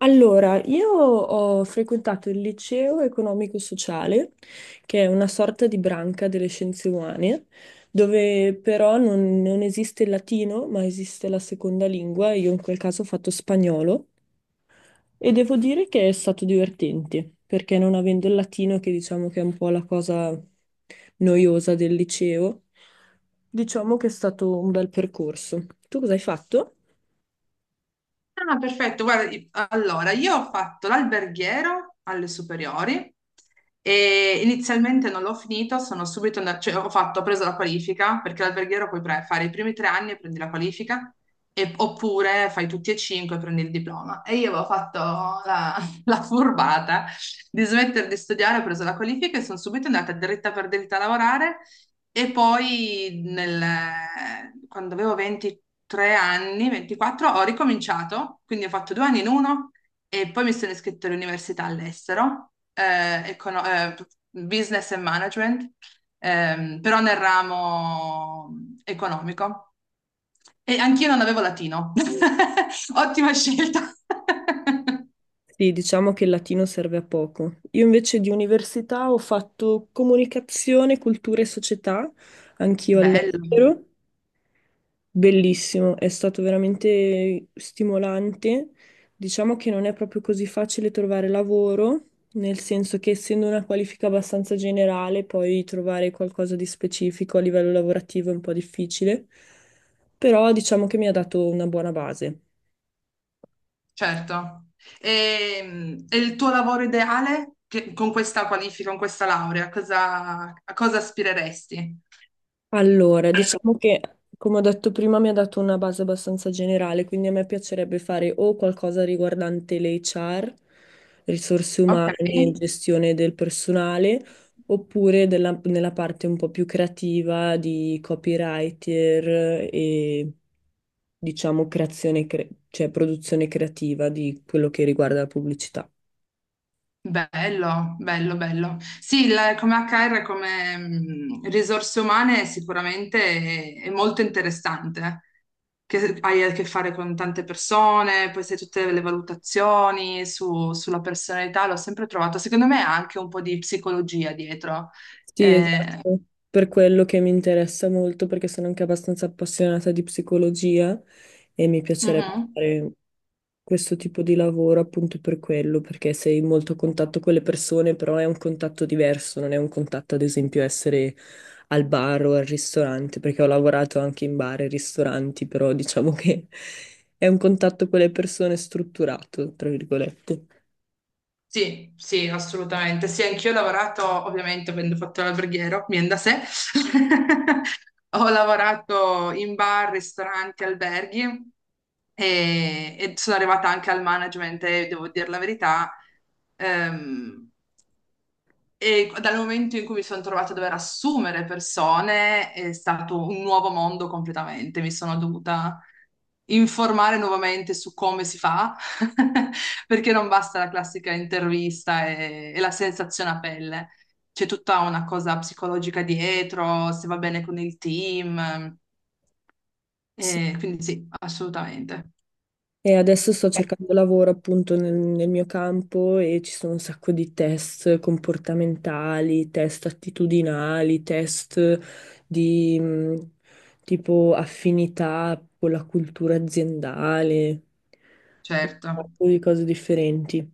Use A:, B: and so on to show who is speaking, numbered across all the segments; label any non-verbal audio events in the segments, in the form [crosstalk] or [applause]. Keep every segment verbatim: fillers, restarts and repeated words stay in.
A: Allora, io ho frequentato il liceo economico-sociale, che è una sorta di branca delle scienze umane, dove però non, non esiste il latino, ma esiste la seconda lingua. Io in quel caso ho fatto spagnolo e devo dire che è stato divertente, perché non avendo il latino, che diciamo che è un po' la cosa noiosa del liceo, diciamo che è stato un bel percorso. Tu cosa hai fatto?
B: Ah, perfetto. Guarda, i- allora, io ho fatto l'alberghiero alle superiori e inizialmente non l'ho finito, sono subito andata, cioè ho fatto, ho preso la qualifica, perché l'alberghiero puoi pre- fare i primi tre anni e prendi la qualifica, e- oppure fai tutti e cinque e prendi il diploma. E io avevo fatto la, [laughs] la furbata di smettere di studiare, ho preso la qualifica e sono subito andata dritta per dritta a lavorare e poi nel- quando avevo ventitré anni, ventiquattro, ho ricominciato, quindi ho fatto due anni in uno e poi mi sono iscritta all'università all'estero, eh, econo- eh, business and management, ehm, però nel ramo economico. E anch'io non avevo latino. [laughs] Ottima scelta. [laughs]
A: Sì, diciamo che il latino serve a poco. Io invece di università ho fatto comunicazione, cultura e società, anch'io
B: Bello.
A: all'estero. Bellissimo, è stato veramente stimolante. Diciamo che non è proprio così facile trovare lavoro, nel senso che essendo una qualifica abbastanza generale, poi trovare qualcosa di specifico a livello lavorativo è un po' difficile, però diciamo che mi ha dato una buona base.
B: Certo. E, e il tuo lavoro ideale, Che- con questa qualifica, con questa laurea, cosa- a cosa aspireresti?
A: Allora, diciamo che, come ho detto prima, mi ha dato una base abbastanza generale, quindi a me piacerebbe fare o qualcosa riguardante l'acca erre, risorse
B: Ok,
A: umane e gestione del personale, oppure della- nella parte un po' più creativa di copywriter e, diciamo, creazione, cre- cioè produzione creativa di quello che riguarda la pubblicità.
B: bello, bello, bello. Sì, il- come H R, come mm, risorse umane sicuramente è, è molto interessante, che hai a che fare con tante persone, poi sai tutte le valutazioni su- sulla personalità, l'ho sempre trovato, secondo me ha anche un po' di psicologia dietro.
A: Sì,
B: Eh,
A: esatto, per quello che mi interessa molto, perché sono anche abbastanza appassionata di psicologia e mi piacerebbe
B: mhm.
A: fare questo tipo di lavoro appunto per quello, perché sei molto a contatto con le persone, però è un contatto diverso, non è un contatto ad esempio essere al bar o al ristorante, perché ho lavorato anche in bar e ristoranti, però diciamo che [laughs] è un contatto con le persone strutturato, tra virgolette.
B: Sì, sì, assolutamente. Sì, anch'io ho lavorato, ovviamente, avendo fatto l'alberghiero, viene da sé. [laughs] Ho lavorato in bar, ristoranti, alberghi e, e sono arrivata anche al management e devo dire la verità. ehm, e dal momento in cui mi sono trovata a dover assumere persone, è stato un nuovo mondo completamente. Mi sono dovuta informare nuovamente su come si fa, [laughs] perché non basta la classica intervista e, e la sensazione a pelle. C'è tutta una cosa psicologica dietro, se va bene con il team.
A: Sì.
B: Eh, quindi sì, assolutamente,
A: E adesso sto cercando lavoro appunto nel, nel mio campo e ci sono un sacco di test comportamentali, test attitudinali, test di mh, tipo affinità con la cultura aziendale, un
B: certo.
A: sacco di cose differenti.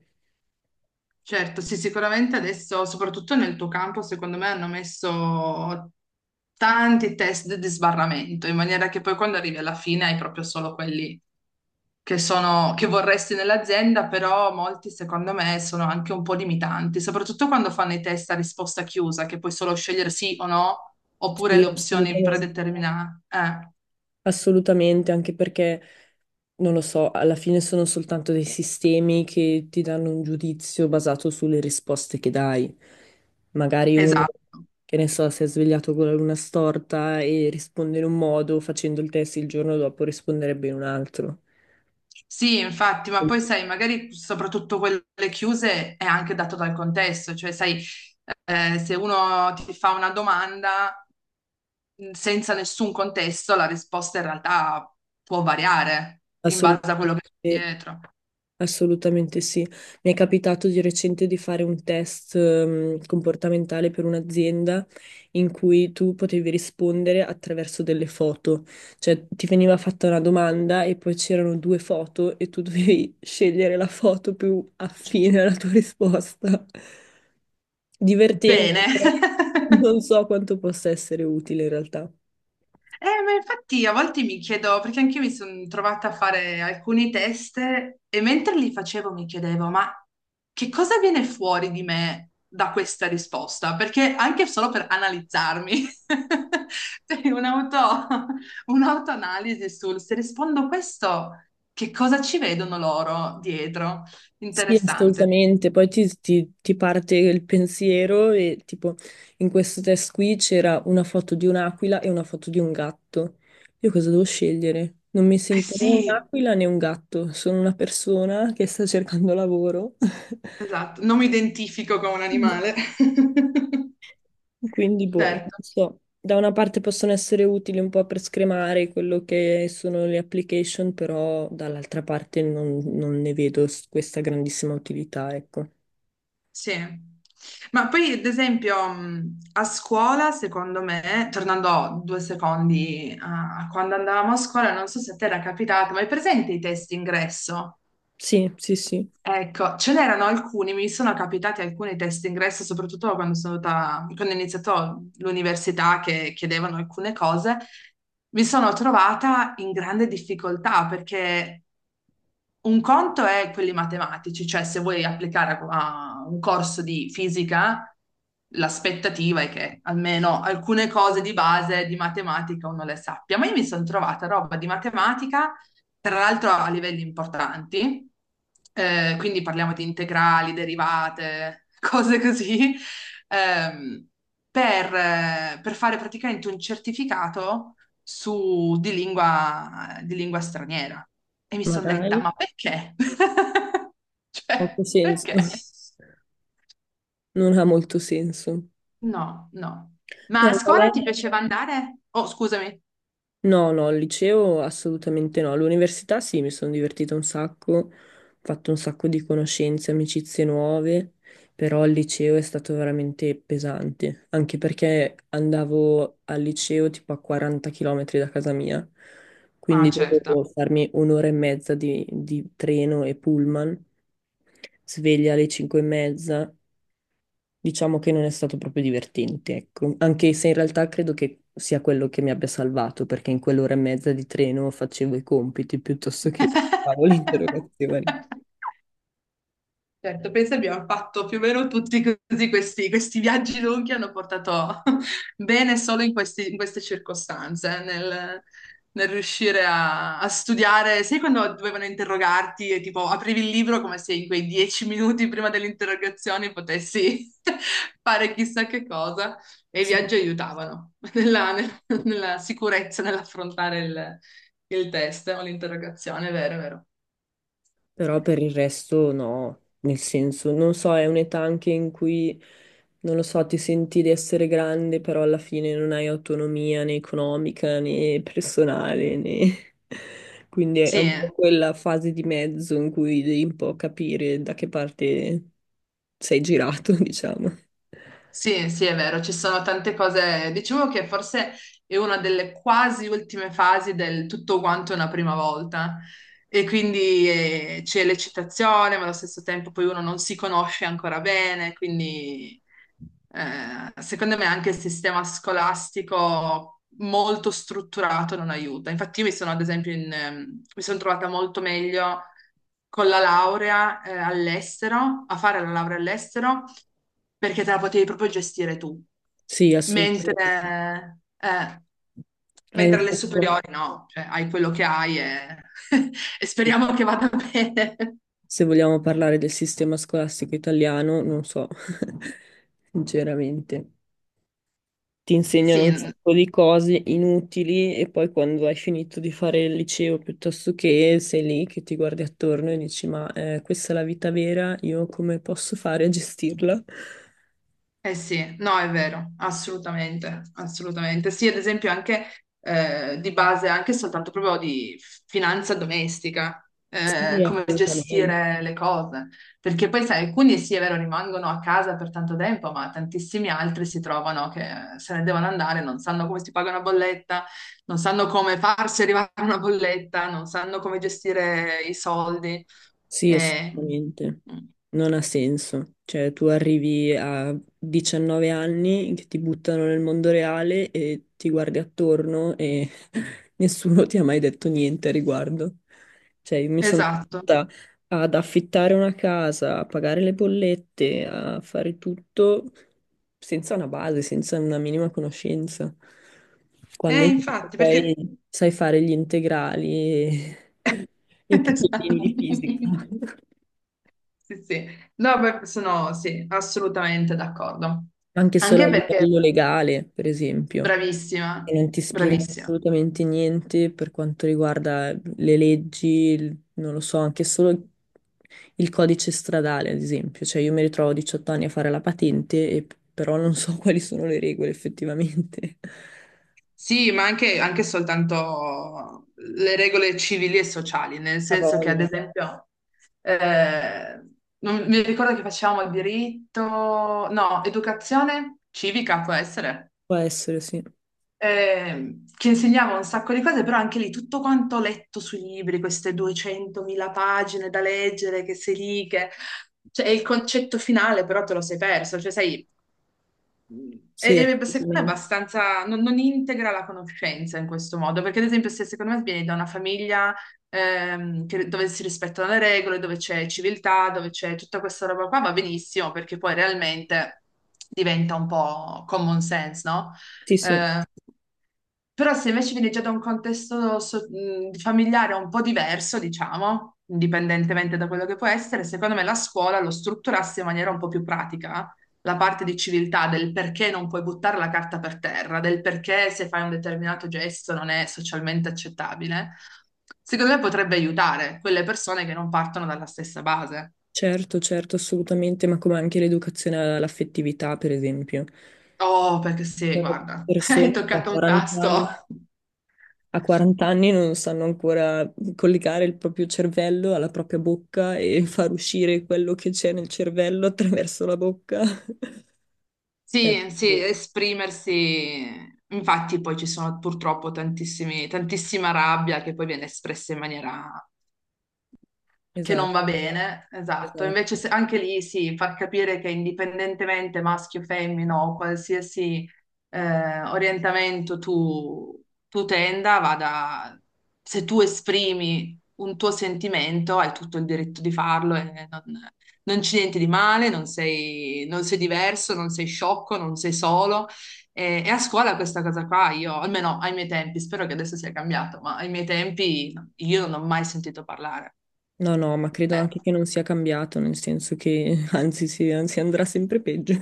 B: Certo, sì, sicuramente adesso, soprattutto nel tuo campo, secondo me hanno messo tanti test di sbarramento, in maniera che poi quando arrivi alla fine hai proprio solo quelli che sono, che vorresti nell'azienda, però molti secondo me sono anche un po' limitanti, soprattutto quando fanno i test a risposta chiusa, che puoi solo scegliere sì o no, oppure
A: Sì,
B: le opzioni
A: assolutamente.
B: predeterminate. Eh,
A: Assolutamente, anche perché, non lo so, alla fine sono soltanto dei sistemi che ti danno un giudizio basato sulle risposte che dai. Magari uno,
B: esatto.
A: che ne so, si è svegliato con la luna storta e risponde in un modo, facendo il test il giorno dopo risponderebbe in un altro.
B: Sì, infatti, ma poi sai, magari soprattutto quelle chiuse è anche dato dal contesto, cioè sai, eh, se uno ti fa una domanda mh, senza nessun contesto, la risposta in realtà può variare in base a quello che c'è
A: Assolutamente.
B: dietro.
A: Assolutamente sì. Mi è capitato di recente di fare un test ehm, comportamentale per un'azienda in cui tu potevi rispondere attraverso delle foto, cioè ti veniva fatta una domanda e poi c'erano due foto e tu dovevi [laughs] scegliere la foto più affine alla tua risposta. Divertente,
B: Bene.
A: però
B: [laughs]
A: non so quanto possa essere utile in realtà.
B: Eh, ma infatti a volte mi chiedo, perché anch'io mi sono trovata a fare alcuni test e mentre li facevo mi chiedevo, ma che cosa viene fuori di me da questa risposta? Perché anche solo per analizzarmi, [laughs] cioè, un'auto- un'autoanalisi sul se rispondo questo, che cosa ci vedono loro dietro?
A: Sì,
B: Interessante.
A: assolutamente. Poi ti, ti- ti parte il pensiero e tipo in questo test qui c'era una foto di un'aquila e una foto di un gatto. Io cosa devo scegliere? Non mi
B: Eh
A: sento né
B: sì,
A: un'aquila né un gatto, sono una persona che sta cercando lavoro. [laughs]
B: esatto, non mi identifico con un animale. [laughs]
A: Quindi, boh, non
B: Certo.
A: so. Da una parte possono essere utili un po' per scremare quello che sono le application, però dall'altra parte non, non ne vedo s- questa grandissima utilità, ecco.
B: Sì, ma poi ad esempio mh, a scuola, secondo me, tornando due secondi a quando andavamo a scuola, non so se a te era capitato, ma hai presente i test ingresso?
A: Sì, sì, sì.
B: Ecco, ce n'erano alcuni, mi sono capitati alcuni test ingresso, soprattutto quando sono andata, quando ho iniziato l'università, che chiedevano alcune cose, mi sono trovata in grande difficoltà perché un conto è quelli matematici, cioè se vuoi applicare a, a un corso di fisica, l'aspettativa è che almeno alcune cose di base di matematica uno le sappia. Ma io mi sono trovata roba di matematica, tra l'altro a livelli importanti, eh, quindi parliamo di integrali, derivate, [laughs] cose così, ehm, per, eh, per fare praticamente un certificato su, di lingua, di lingua straniera. E mi
A: Ma
B: sono detta, ma
A: dai.
B: perché? [laughs] Cioè,
A: Poco senso,
B: perché?
A: [laughs] non ha molto senso.
B: No, no.
A: No,
B: Ma a
A: il
B: scuola
A: ballet-
B: ti piaceva andare? Oh, scusami.
A: no, no, al liceo assolutamente no. All'università sì, mi sono divertita un sacco, ho fatto un sacco di conoscenze, amicizie nuove, però al liceo è stato veramente pesante, anche perché andavo al liceo tipo a quaranta chilometri da casa mia,
B: Ah,
A: quindi
B: certo.
A: dovevo farmi un'ora e mezza di, di treno e pullman, sveglia alle cinque e mezza. Diciamo che non è stato proprio divertente, ecco, anche se in realtà credo che sia quello che mi abbia salvato, perché in quell'ora e mezza di treno facevo i compiti piuttosto che [laughs] preparavo le
B: [laughs]
A: interrogazioni.
B: Certo, penso abbiamo fatto più o meno tutti così, questi, questi viaggi lunghi hanno portato [laughs] bene solo in questi- in queste circostanze, nel, nel riuscire a, a studiare. Sai, quando dovevano interrogarti e tipo aprivi il libro come se in quei dieci minuti prima delle interrogazioni potessi [laughs] fare chissà che cosa e i
A: Sì.
B: viaggi aiutavano [laughs] nella, nel- nella sicurezza nell'affrontare il, il test o l'interrogazione, è vero, è vero.
A: Però per il resto no, nel senso, non so, è un'età anche in cui, non lo so, ti senti di essere grande, però alla fine non hai autonomia né economica né personale, né... [laughs] Quindi è
B: Sì,
A: un
B: eh.
A: po' quella fase di mezzo in cui devi un po' capire da che parte sei girato, [laughs] diciamo.
B: Sì, sì, è vero, ci sono tante cose. Diciamo che forse è una delle quasi ultime fasi del tutto quanto è una prima volta. E quindi eh, c'è l'eccitazione, ma allo stesso tempo poi uno non si conosce ancora bene, quindi eh, secondo me anche il sistema scolastico molto strutturato non aiuta. Infatti, io mi sono, ad esempio, in, ehm, mi sono trovata molto meglio con la laurea, eh, all'estero, a fare la laurea all'estero, perché te la potevi proprio gestire tu.
A: Sì, assolutamente.
B: Mentre, eh,
A: Hai un
B: mentre alle
A: sacco-
B: superiori no, cioè hai quello che hai e, [laughs] e speriamo che vada bene.
A: Se vogliamo parlare del sistema scolastico italiano, non so, [laughs] sinceramente. Ti insegnano
B: Sì,
A: un sacco di cose inutili e poi quando hai finito di fare il liceo piuttosto che sei lì che ti guardi attorno e dici ma eh, questa è la vita vera, io come posso fare a gestirla?
B: eh sì, no, è vero, assolutamente, assolutamente. Sì, ad esempio anche eh, di base, anche soltanto proprio di finanza domestica, eh,
A: Sì,
B: come
A: assolutamente.
B: gestire le cose. Perché poi, sai, alcuni sì, è vero, rimangono a casa per tanto tempo, ma tantissimi altri si trovano che se ne devono andare, non sanno come si paga una bolletta, non sanno come farsi arrivare una bolletta, non sanno come gestire i soldi.
A: Sì,
B: Eh,
A: assolutamente.
B: mm,
A: Non ha senso. Cioè, tu arrivi a diciannove anni che ti buttano nel mondo reale e ti guardi attorno e [laughs] nessuno ti ha mai detto niente a riguardo. Cioè, io mi sono
B: esatto.
A: trovata ad affittare una casa, a pagare le bollette, a fare tutto senza una base, senza una minima conoscenza. Quando
B: Eh,
A: invece
B: infatti, perché...
A: poi sai fare gli integrali e i problemi
B: Esatto.
A: di fisica,
B: [laughs]
A: [laughs]
B: Sì, sì. No, beh, sono sì, assolutamente d'accordo.
A: anche solo a
B: Anche perché
A: livello legale, per esempio, che
B: bravissima,
A: non ti spiegano
B: bravissima.
A: assolutamente niente per quanto riguarda le leggi, il- non lo so, anche solo il codice stradale, ad esempio. Cioè, io mi ritrovo a diciotto anni a fare la patente, e- però non so [laughs] quali sono le regole effettivamente.
B: Sì, ma anche, anche soltanto le regole civili e sociali, nel
A: A
B: senso che, ad
A: voglia.
B: esempio, eh, non- mi ricordo che facevamo diritto, no, educazione civica può essere.
A: Può essere, sì.
B: Eh, che insegnava un sacco di cose, però anche lì tutto quanto ho letto sui libri, queste duecentomila pagine da leggere, che sei lì, che... Cioè, il concetto finale però te lo sei perso, cioè sai, e-
A: Sì,
B: e secondo me è
A: assolutamente.
B: abbastanza, non, non integra la conoscenza in questo modo, perché ad esempio se secondo me vieni da una famiglia, ehm, che- dove si rispettano le regole, dove c'è civiltà, dove c'è tutta questa roba qua, va benissimo, perché poi realmente diventa un po' common sense, no?
A: Sì, sì.
B: Ehm, Però se invece viene già da un contesto so- mh, familiare un po' diverso, diciamo, indipendentemente da quello che può essere, secondo me la scuola lo strutturasse in maniera un po' più pratica, la parte di civiltà, del perché non puoi buttare la carta per terra, del perché se fai un determinato gesto non è socialmente accettabile, secondo me potrebbe aiutare quelle persone che non partono dalla stessa base.
A: Certo, certo, assolutamente, ma come anche l'educazione all'affettività, per esempio.
B: Oh, perché
A: Ci
B: sì,
A: sono
B: guarda, [laughs] hai
A: persone che a
B: toccato un
A: quaranta
B: tasto.
A: anni, a quaranta anni non sanno ancora collegare il proprio cervello alla propria bocca e [laughs] far uscire quello che c'è nel cervello attraverso la bocca. [laughs] È
B: Sì, sì,
A: assurdo.
B: esprimersi. Infatti poi ci sono purtroppo tantissimi, tantissima rabbia che poi viene espressa in maniera che non
A: Esatto,
B: va bene, esatto.
A: esatto.
B: Invece se- anche lì sì, far capire che indipendentemente maschio, femmina o qualsiasi eh, orientamento tu, tu tenda, vada, se tu esprimi un tuo sentimento, hai tutto il diritto di farlo e non, non c'è niente di male, non sei, non sei diverso, non sei sciocco, non sei solo. E, e a scuola questa cosa qua, io, almeno ai miei tempi, spero che adesso sia cambiato, ma ai miei tempi io non ho mai sentito parlare.
A: No, no, ma credo
B: Eh,
A: anche che non sia cambiato, nel senso che [laughs] anzi, si, anzi andrà sempre peggio. [laughs]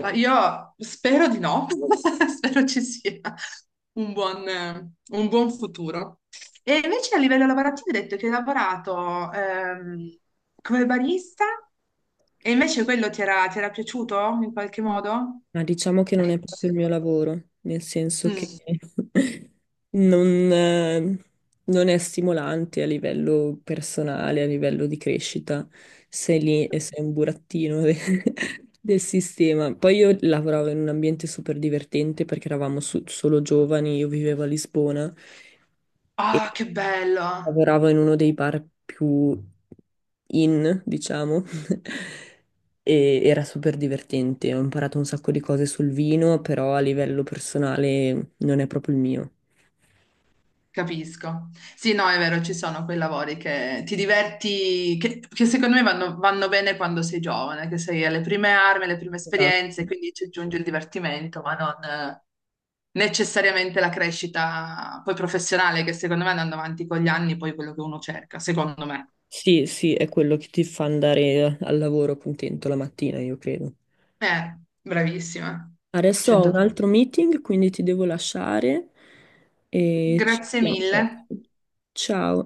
B: Ma io spero di no, [laughs] spero ci sia un buon, eh, un buon futuro. E invece a livello lavorativo hai detto che hai lavorato ehm, come barista, e invece quello ti era, ti era piaciuto in qualche modo?
A: Ma diciamo che non è proprio il mio lavoro, nel senso che
B: Mm.
A: [laughs] non, eh, non è stimolante a livello personale, a livello di crescita. Sei lì e sei un burattino de- [laughs] del sistema. Poi io lavoravo in un ambiente super divertente perché eravamo su- solo giovani, io vivevo a Lisbona e
B: Ah, che bello!
A: lavoravo in uno dei bar più in, diciamo. [laughs] E era super divertente. Ho imparato un sacco di cose sul vino, però a livello personale non è proprio il mio.
B: Capisco. Sì, no, è vero, ci sono quei lavori che ti diverti, che, che secondo me vanno, vanno bene quando sei giovane, che sei alle prime armi, alle prime
A: Esatto.
B: esperienze, quindi ci aggiunge il divertimento, ma non eh, necessariamente la crescita poi professionale, che secondo me andando avanti con gli anni, poi è quello che uno cerca, secondo me.
A: Sì, sì, è quello che ti fa andare al lavoro contento la mattina, io credo.
B: Eh, bravissima.
A: Adesso ho un
B: cento per cento.
A: altro meeting, quindi ti devo lasciare e ci
B: Grazie
A: vediamo presto.
B: mille.
A: Ciao.